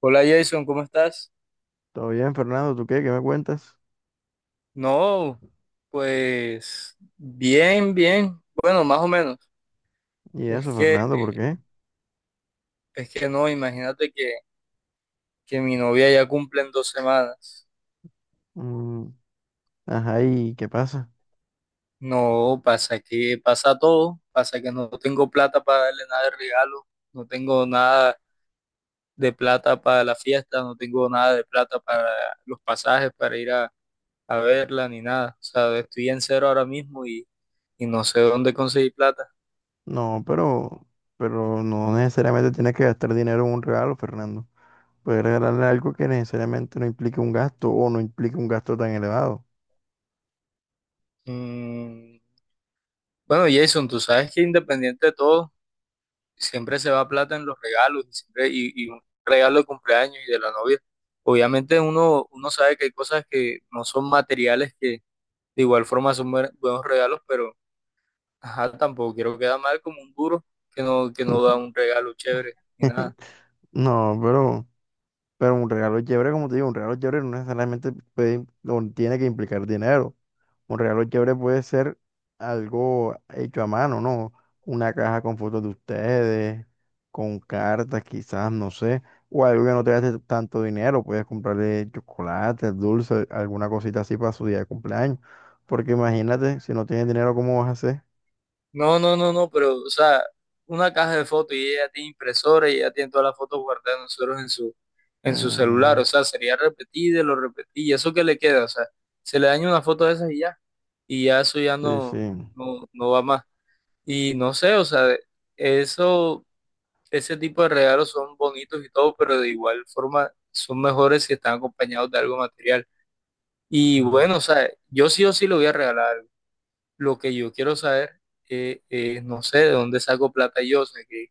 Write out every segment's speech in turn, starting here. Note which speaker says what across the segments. Speaker 1: Hola Jason, ¿cómo estás?
Speaker 2: Todo bien, Fernando, ¿tú qué? ¿Qué me cuentas?
Speaker 1: No, pues bien, bien. Bueno, más o menos.
Speaker 2: Y
Speaker 1: Es
Speaker 2: eso,
Speaker 1: que,
Speaker 2: Fernando, ¿por qué?
Speaker 1: es que no, imagínate que mi novia ya cumple en 2 semanas.
Speaker 2: Mm, ajá, ¿y qué pasa?
Speaker 1: No, pasa que pasa todo. Pasa que no tengo plata para darle nada de regalo. No tengo nada de plata para la fiesta. No tengo nada de plata para los pasajes, para ir a verla, ni nada. O sea, estoy en cero ahora mismo y no sé dónde conseguir plata.
Speaker 2: No, pero no necesariamente tienes que gastar dinero en un regalo, Fernando. Puedes regalarle algo que necesariamente no implique un gasto o no implique un gasto tan elevado.
Speaker 1: Mm, Bueno, Jason, tú sabes que independiente de todo, siempre se va plata en los regalos y, siempre, y un regalo de cumpleaños y de la novia. Obviamente uno sabe que hay cosas que no son materiales que de igual forma son buenos regalos, pero ajá, tampoco quiero quedar mal como un duro que no da un regalo chévere ni nada.
Speaker 2: No, pero un regalo chévere, como te digo, un regalo chévere no necesariamente puede, o tiene que implicar dinero. Un regalo chévere puede ser algo hecho a mano, ¿no? Una caja con fotos de ustedes, con cartas quizás, no sé, o algo que no te gaste tanto dinero, puedes comprarle chocolate, dulce, alguna cosita así para su día de cumpleaños. Porque imagínate, si no tienes dinero, ¿cómo vas a hacer?
Speaker 1: No, no, no, no, pero, o sea, una caja de fotos y ella tiene impresora y ella tiene todas las fotos guardadas de nosotros en su celular,
Speaker 2: Mm,
Speaker 1: o sea, sería repetir, de lo repetir, y eso que le queda, o sea, se le daña una foto de esas y ya eso ya
Speaker 2: sí,
Speaker 1: no,
Speaker 2: sí.
Speaker 1: no, no va más. Y no sé, o sea, eso, ese tipo de regalos son bonitos y todo, pero de igual forma son mejores si están acompañados de algo material. Y
Speaker 2: Mm.
Speaker 1: bueno, o sea, yo sí o sí lo voy a regalar. Lo que yo quiero saber es, no sé, de dónde saco plata yo, o sea,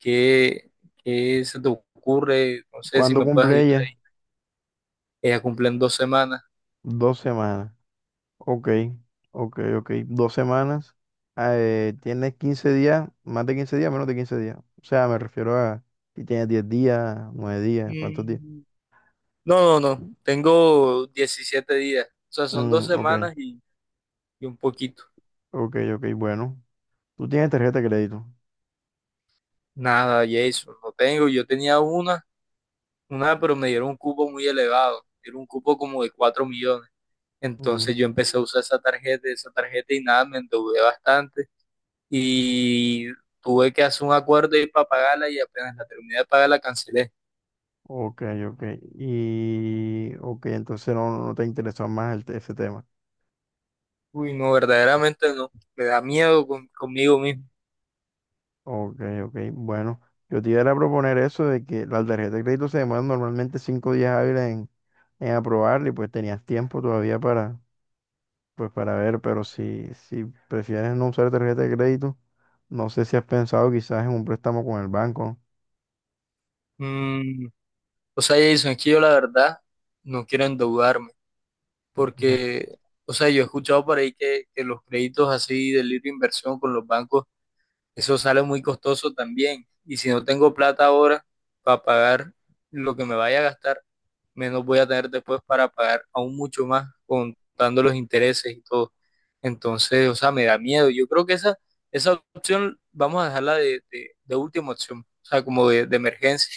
Speaker 1: qué, qué se te ocurre, no sé si
Speaker 2: ¿Cuándo
Speaker 1: me puedes
Speaker 2: cumple
Speaker 1: ayudar
Speaker 2: ella?
Speaker 1: ahí. Ella cumple en 2 semanas.
Speaker 2: 2 semanas. Ok, ok, ok. 2 semanas. Ah, tienes 15 días, más de 15 días, menos de 15 días. O sea, me refiero a si tienes 10 días, 9 días, ¿cuántos días?
Speaker 1: Mm, No, no, no, tengo 17 días, o sea, son dos
Speaker 2: Mm, ok,
Speaker 1: semanas y un poquito.
Speaker 2: ok, ok. Bueno, tú tienes tarjeta de crédito.
Speaker 1: Nada, Jason, no tengo, yo tenía una, pero me dieron un cupo muy elevado, era un cupo como de 4 millones.
Speaker 2: Mm,
Speaker 1: Entonces yo empecé a usar esa tarjeta y nada, me endeudé bastante y tuve que hacer un acuerdo ahí para pagarla y apenas la terminé de pagar la cancelé.
Speaker 2: ok, ok. Y, ok, entonces no te interesa más ese tema.
Speaker 1: Uy, no, verdaderamente no, me da miedo conmigo mismo.
Speaker 2: Ok, ok. Bueno, yo te iba a proponer eso de que la tarjeta de crédito se demora normalmente 5 días hábiles en, aprobarla y pues tenías tiempo todavía para pues para ver, pero si prefieres no usar tarjeta de crédito, no sé si has pensado quizás en un préstamo con el banco.
Speaker 1: Mm, o sea, Jason, es que yo la verdad no quiero endeudarme porque, o sea, yo he escuchado por ahí que los créditos así de libre inversión con los bancos, eso sale muy costoso también. Y si no tengo plata ahora para pagar lo que me vaya a gastar, menos voy a tener después para pagar aún mucho más contando los intereses y todo. Entonces, o sea, me da miedo. Yo creo que esa opción vamos a dejarla de última opción, o sea, como de emergencia.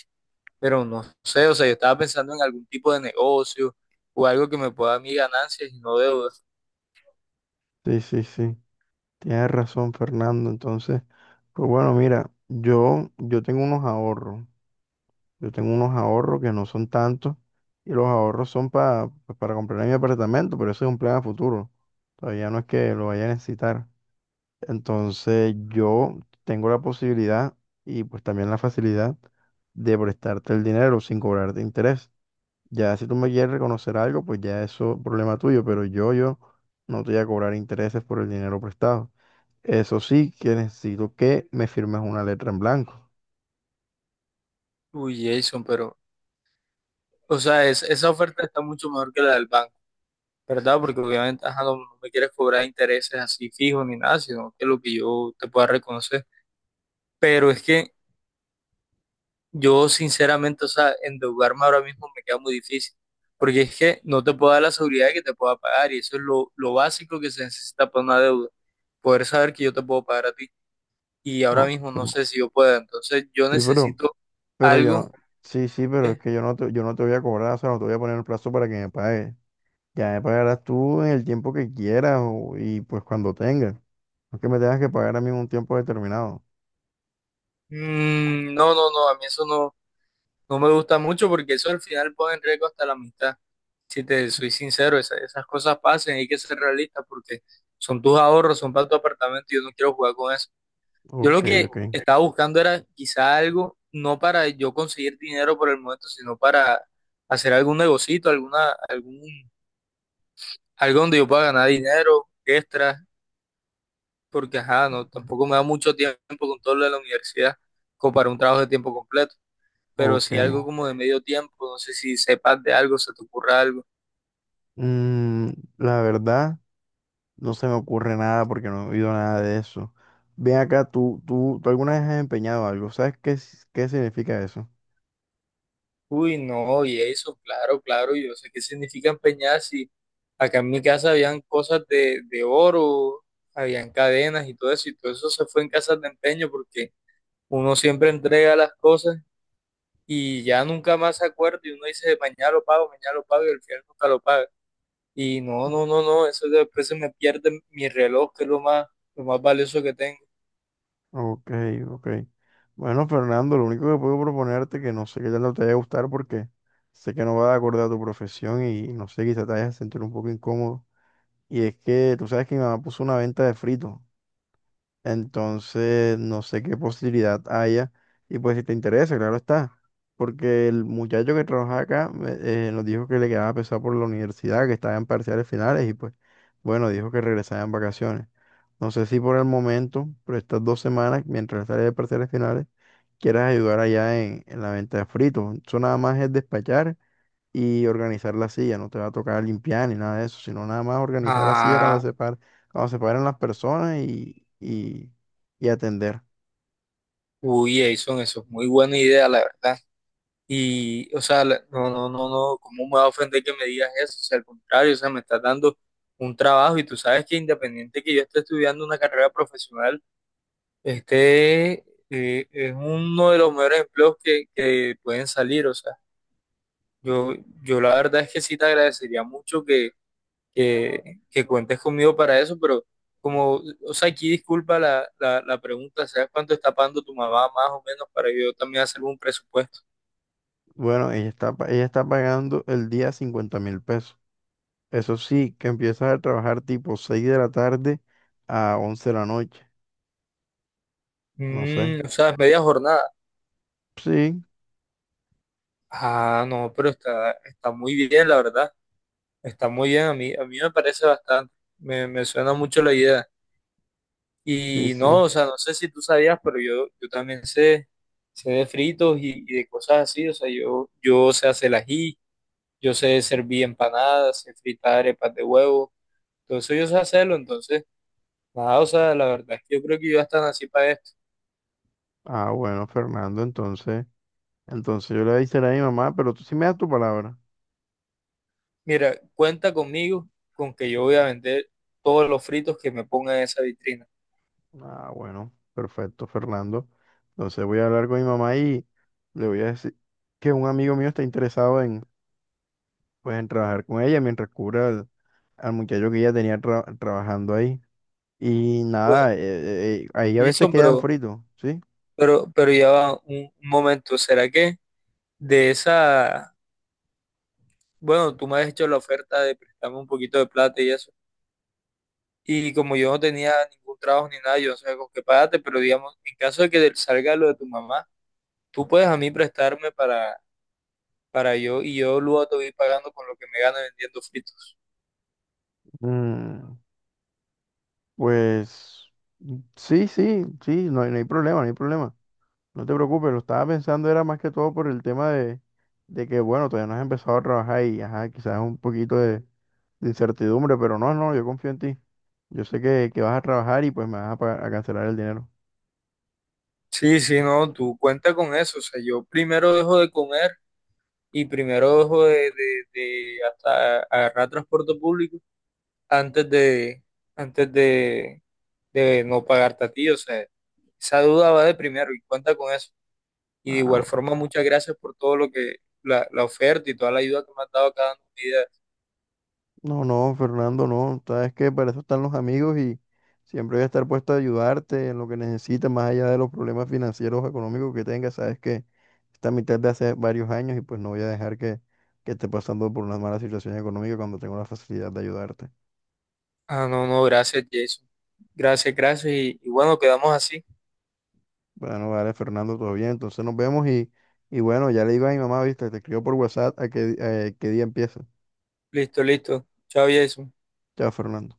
Speaker 1: Pero no sé, o sea, yo estaba pensando en algún tipo de negocio o algo que me pueda dar mis ganancias y no deudas.
Speaker 2: Sí, sí, sí. Tienes razón, Fernando. Entonces, pues bueno, mira, yo tengo unos ahorros. Yo tengo unos ahorros que no son tantos. Y los ahorros son pues para comprar mi apartamento, pero eso es un plan a futuro. Todavía no es que lo vaya a necesitar. Entonces yo tengo la posibilidad y pues también la facilidad de prestarte el dinero sin cobrarte interés. Ya si tú me quieres reconocer algo, pues ya eso es problema tuyo, pero yo no te voy a cobrar intereses por el dinero prestado. Eso sí, que necesito que me firmes una letra en blanco.
Speaker 1: Uy, Jason, pero, o sea, esa oferta está mucho mejor que la del banco, ¿verdad? Porque obviamente, ajá, no me quieres cobrar intereses así fijos ni nada, sino que lo que yo te pueda reconocer. Pero es que yo sinceramente, o sea, endeudarme ahora mismo me queda muy difícil, porque es que no te puedo dar la seguridad de que te pueda pagar y eso es lo básico que se necesita para una deuda, poder saber que yo te puedo pagar a ti y ahora
Speaker 2: ¿No?
Speaker 1: mismo no sé si yo pueda, entonces yo
Speaker 2: Sí, pero,
Speaker 1: necesito
Speaker 2: pero yo
Speaker 1: algo.
Speaker 2: no, sí, sí, pero es
Speaker 1: que-
Speaker 2: que yo no te voy a cobrar, o sea, no te voy a poner el plazo para que me pagues. Ya me pagarás tú en el tiempo que quieras y pues cuando tengas. No es que me tengas que pagar a mí en un tiempo determinado.
Speaker 1: no, no, no, a mí eso no, no me gusta mucho porque eso al final pone en riesgo hasta la amistad. Si te soy sincero, esas cosas pasan hay que ser realista porque son tus ahorros, son para tu apartamento y yo no quiero jugar con eso. Yo lo
Speaker 2: Ok,
Speaker 1: que
Speaker 2: ok,
Speaker 1: estaba buscando era quizá algo, no para yo conseguir dinero por el momento, sino para hacer algún negocito, algo donde yo pueda ganar dinero extra, porque ajá, no, tampoco me da mucho tiempo con todo lo de la universidad, como para un trabajo de tiempo completo, pero
Speaker 2: ok.
Speaker 1: si algo como de medio tiempo, no sé si sepas de algo, se te ocurra algo.
Speaker 2: Mm, la verdad, no se me ocurre nada porque no he oído nada de eso. Ven acá, tú alguna vez has empeñado algo. ¿Sabes qué, qué significa eso?
Speaker 1: Uy, no, y eso, claro, claro, yo sé qué significa empeñar si acá en mi casa habían cosas de oro, habían cadenas y todo eso se fue en casas de empeño porque uno siempre entrega las cosas y ya nunca más se acuerda y uno dice, mañana lo pago y al final nunca lo paga. Y no, no, no, no, eso después se me pierde mi reloj, que es lo más valioso que tengo.
Speaker 2: Ok, ok. Bueno, Fernando, lo único que puedo proponerte que no sé qué tal te vaya a gustar porque sé que no va de acuerdo a tu profesión y no sé, quizá te vayas a sentir un poco incómodo. Y es que tú sabes que mi mamá puso una venta de fritos, entonces no sé qué posibilidad haya. Y pues si te interesa, claro está. Porque el muchacho que trabaja acá nos dijo que le quedaba pesado por la universidad, que estaba en parciales finales y pues bueno, dijo que regresaba en vacaciones. No sé si por el momento, pero estas 2 semanas, mientras sale de parciales finales, quieras ayudar allá en, la venta de fritos. Eso nada más es despachar y organizar la silla. No te va a tocar limpiar ni nada de eso, sino nada más organizar la silla cuando
Speaker 1: Ah,
Speaker 2: cuando se paren las personas y atender.
Speaker 1: uy, Jason, eso es muy buena idea, la verdad. Y, o sea, no, no, no, no, ¿cómo me va a ofender que me digas eso? O sea, al contrario, o sea, me estás dando un trabajo y tú sabes que independiente que yo esté estudiando una carrera profesional, este es uno de los mejores empleos que, pueden salir. O sea, yo, yo la verdad es que sí te agradecería mucho que, que cuentes conmigo para eso, pero como, o sea, aquí disculpa la pregunta, ¿sabes cuánto está pagando tu mamá más o menos para yo también hacer un presupuesto?
Speaker 2: Bueno, ella está, ella está pagando el día 50.000 pesos. Eso sí, que empiezas a trabajar tipo 6 de la tarde a 11 de la noche. No sé.
Speaker 1: O sea, es media jornada.
Speaker 2: Sí,
Speaker 1: Ah, no, pero está muy bien, la verdad. Está muy bien, a mí me parece bastante. Me suena mucho la idea.
Speaker 2: sí,
Speaker 1: Y no,
Speaker 2: sí.
Speaker 1: o sea, no sé si tú sabías, pero yo también sé de fritos y de cosas así. O sea, yo sé hacer el ají, yo sé servir empanadas, sé fritar arepas de huevo. Todo eso yo sé hacerlo. Entonces, nada, o sea, la verdad es que yo creo que yo están así para esto.
Speaker 2: Ah, bueno, Fernando, entonces yo le voy a decir a mi mamá, pero tú sí me das tu palabra.
Speaker 1: Mira, cuenta conmigo con que yo voy a vender todos los fritos que me pongan en esa vitrina.
Speaker 2: Ah, bueno, perfecto, Fernando. Entonces voy a hablar con mi mamá y le voy a decir que un amigo mío está interesado en, pues, en trabajar con ella mientras cubra al muchacho que ella tenía trabajando ahí. Y
Speaker 1: Pues,
Speaker 2: nada, ahí a veces
Speaker 1: Wilson,
Speaker 2: quedan
Speaker 1: pero...
Speaker 2: fritos, ¿sí?
Speaker 1: Pero, pero ya va un momento, ¿será que de esa, bueno, tú me has hecho la oferta de prestarme un poquito de plata y eso, y como yo no tenía ningún trabajo ni nada, yo no sabía con qué pagarte, pero digamos, en caso de que salga lo de tu mamá, tú puedes a mí prestarme para yo y yo luego te voy pagando con lo que me gano vendiendo fritos.
Speaker 2: Mm, pues mm, sí, sí, sí, no hay problema, no hay problema. No te preocupes, lo estaba pensando era más que todo por el tema de que, bueno, todavía no has empezado a trabajar y, ajá, quizás un poquito de incertidumbre, pero no, no, yo confío en ti. Yo sé que vas a trabajar y pues me vas a, a cancelar el dinero.
Speaker 1: Sí, sí, no, tú cuenta con eso, o sea, yo primero dejo de comer y primero dejo de hasta agarrar transporte público antes de, antes de no pagarte a ti. O sea, esa duda va de primero y cuenta con eso. Y de
Speaker 2: Ah,
Speaker 1: igual forma,
Speaker 2: bueno.
Speaker 1: muchas gracias por todo la oferta y toda la ayuda que me has dado cada día.
Speaker 2: No, no, Fernando, no. Sabes que para eso están los amigos y siempre voy a estar puesto a ayudarte en lo que necesites, más allá de los problemas financieros o económicos que tengas. Sabes que esta mitad de hace varios años y pues no voy a dejar que esté pasando por una mala situación económica cuando tengo la facilidad de ayudarte.
Speaker 1: Ah, no, no, gracias, Jason. Gracias, gracias. Y bueno, quedamos así.
Speaker 2: Bueno, vale, Fernando, todo bien. Entonces nos vemos y bueno, ya le digo a mi mamá, viste, te escribo por WhatsApp a qué, qué día empieza.
Speaker 1: Listo, listo. Chao, Jason.
Speaker 2: Chao, Fernando.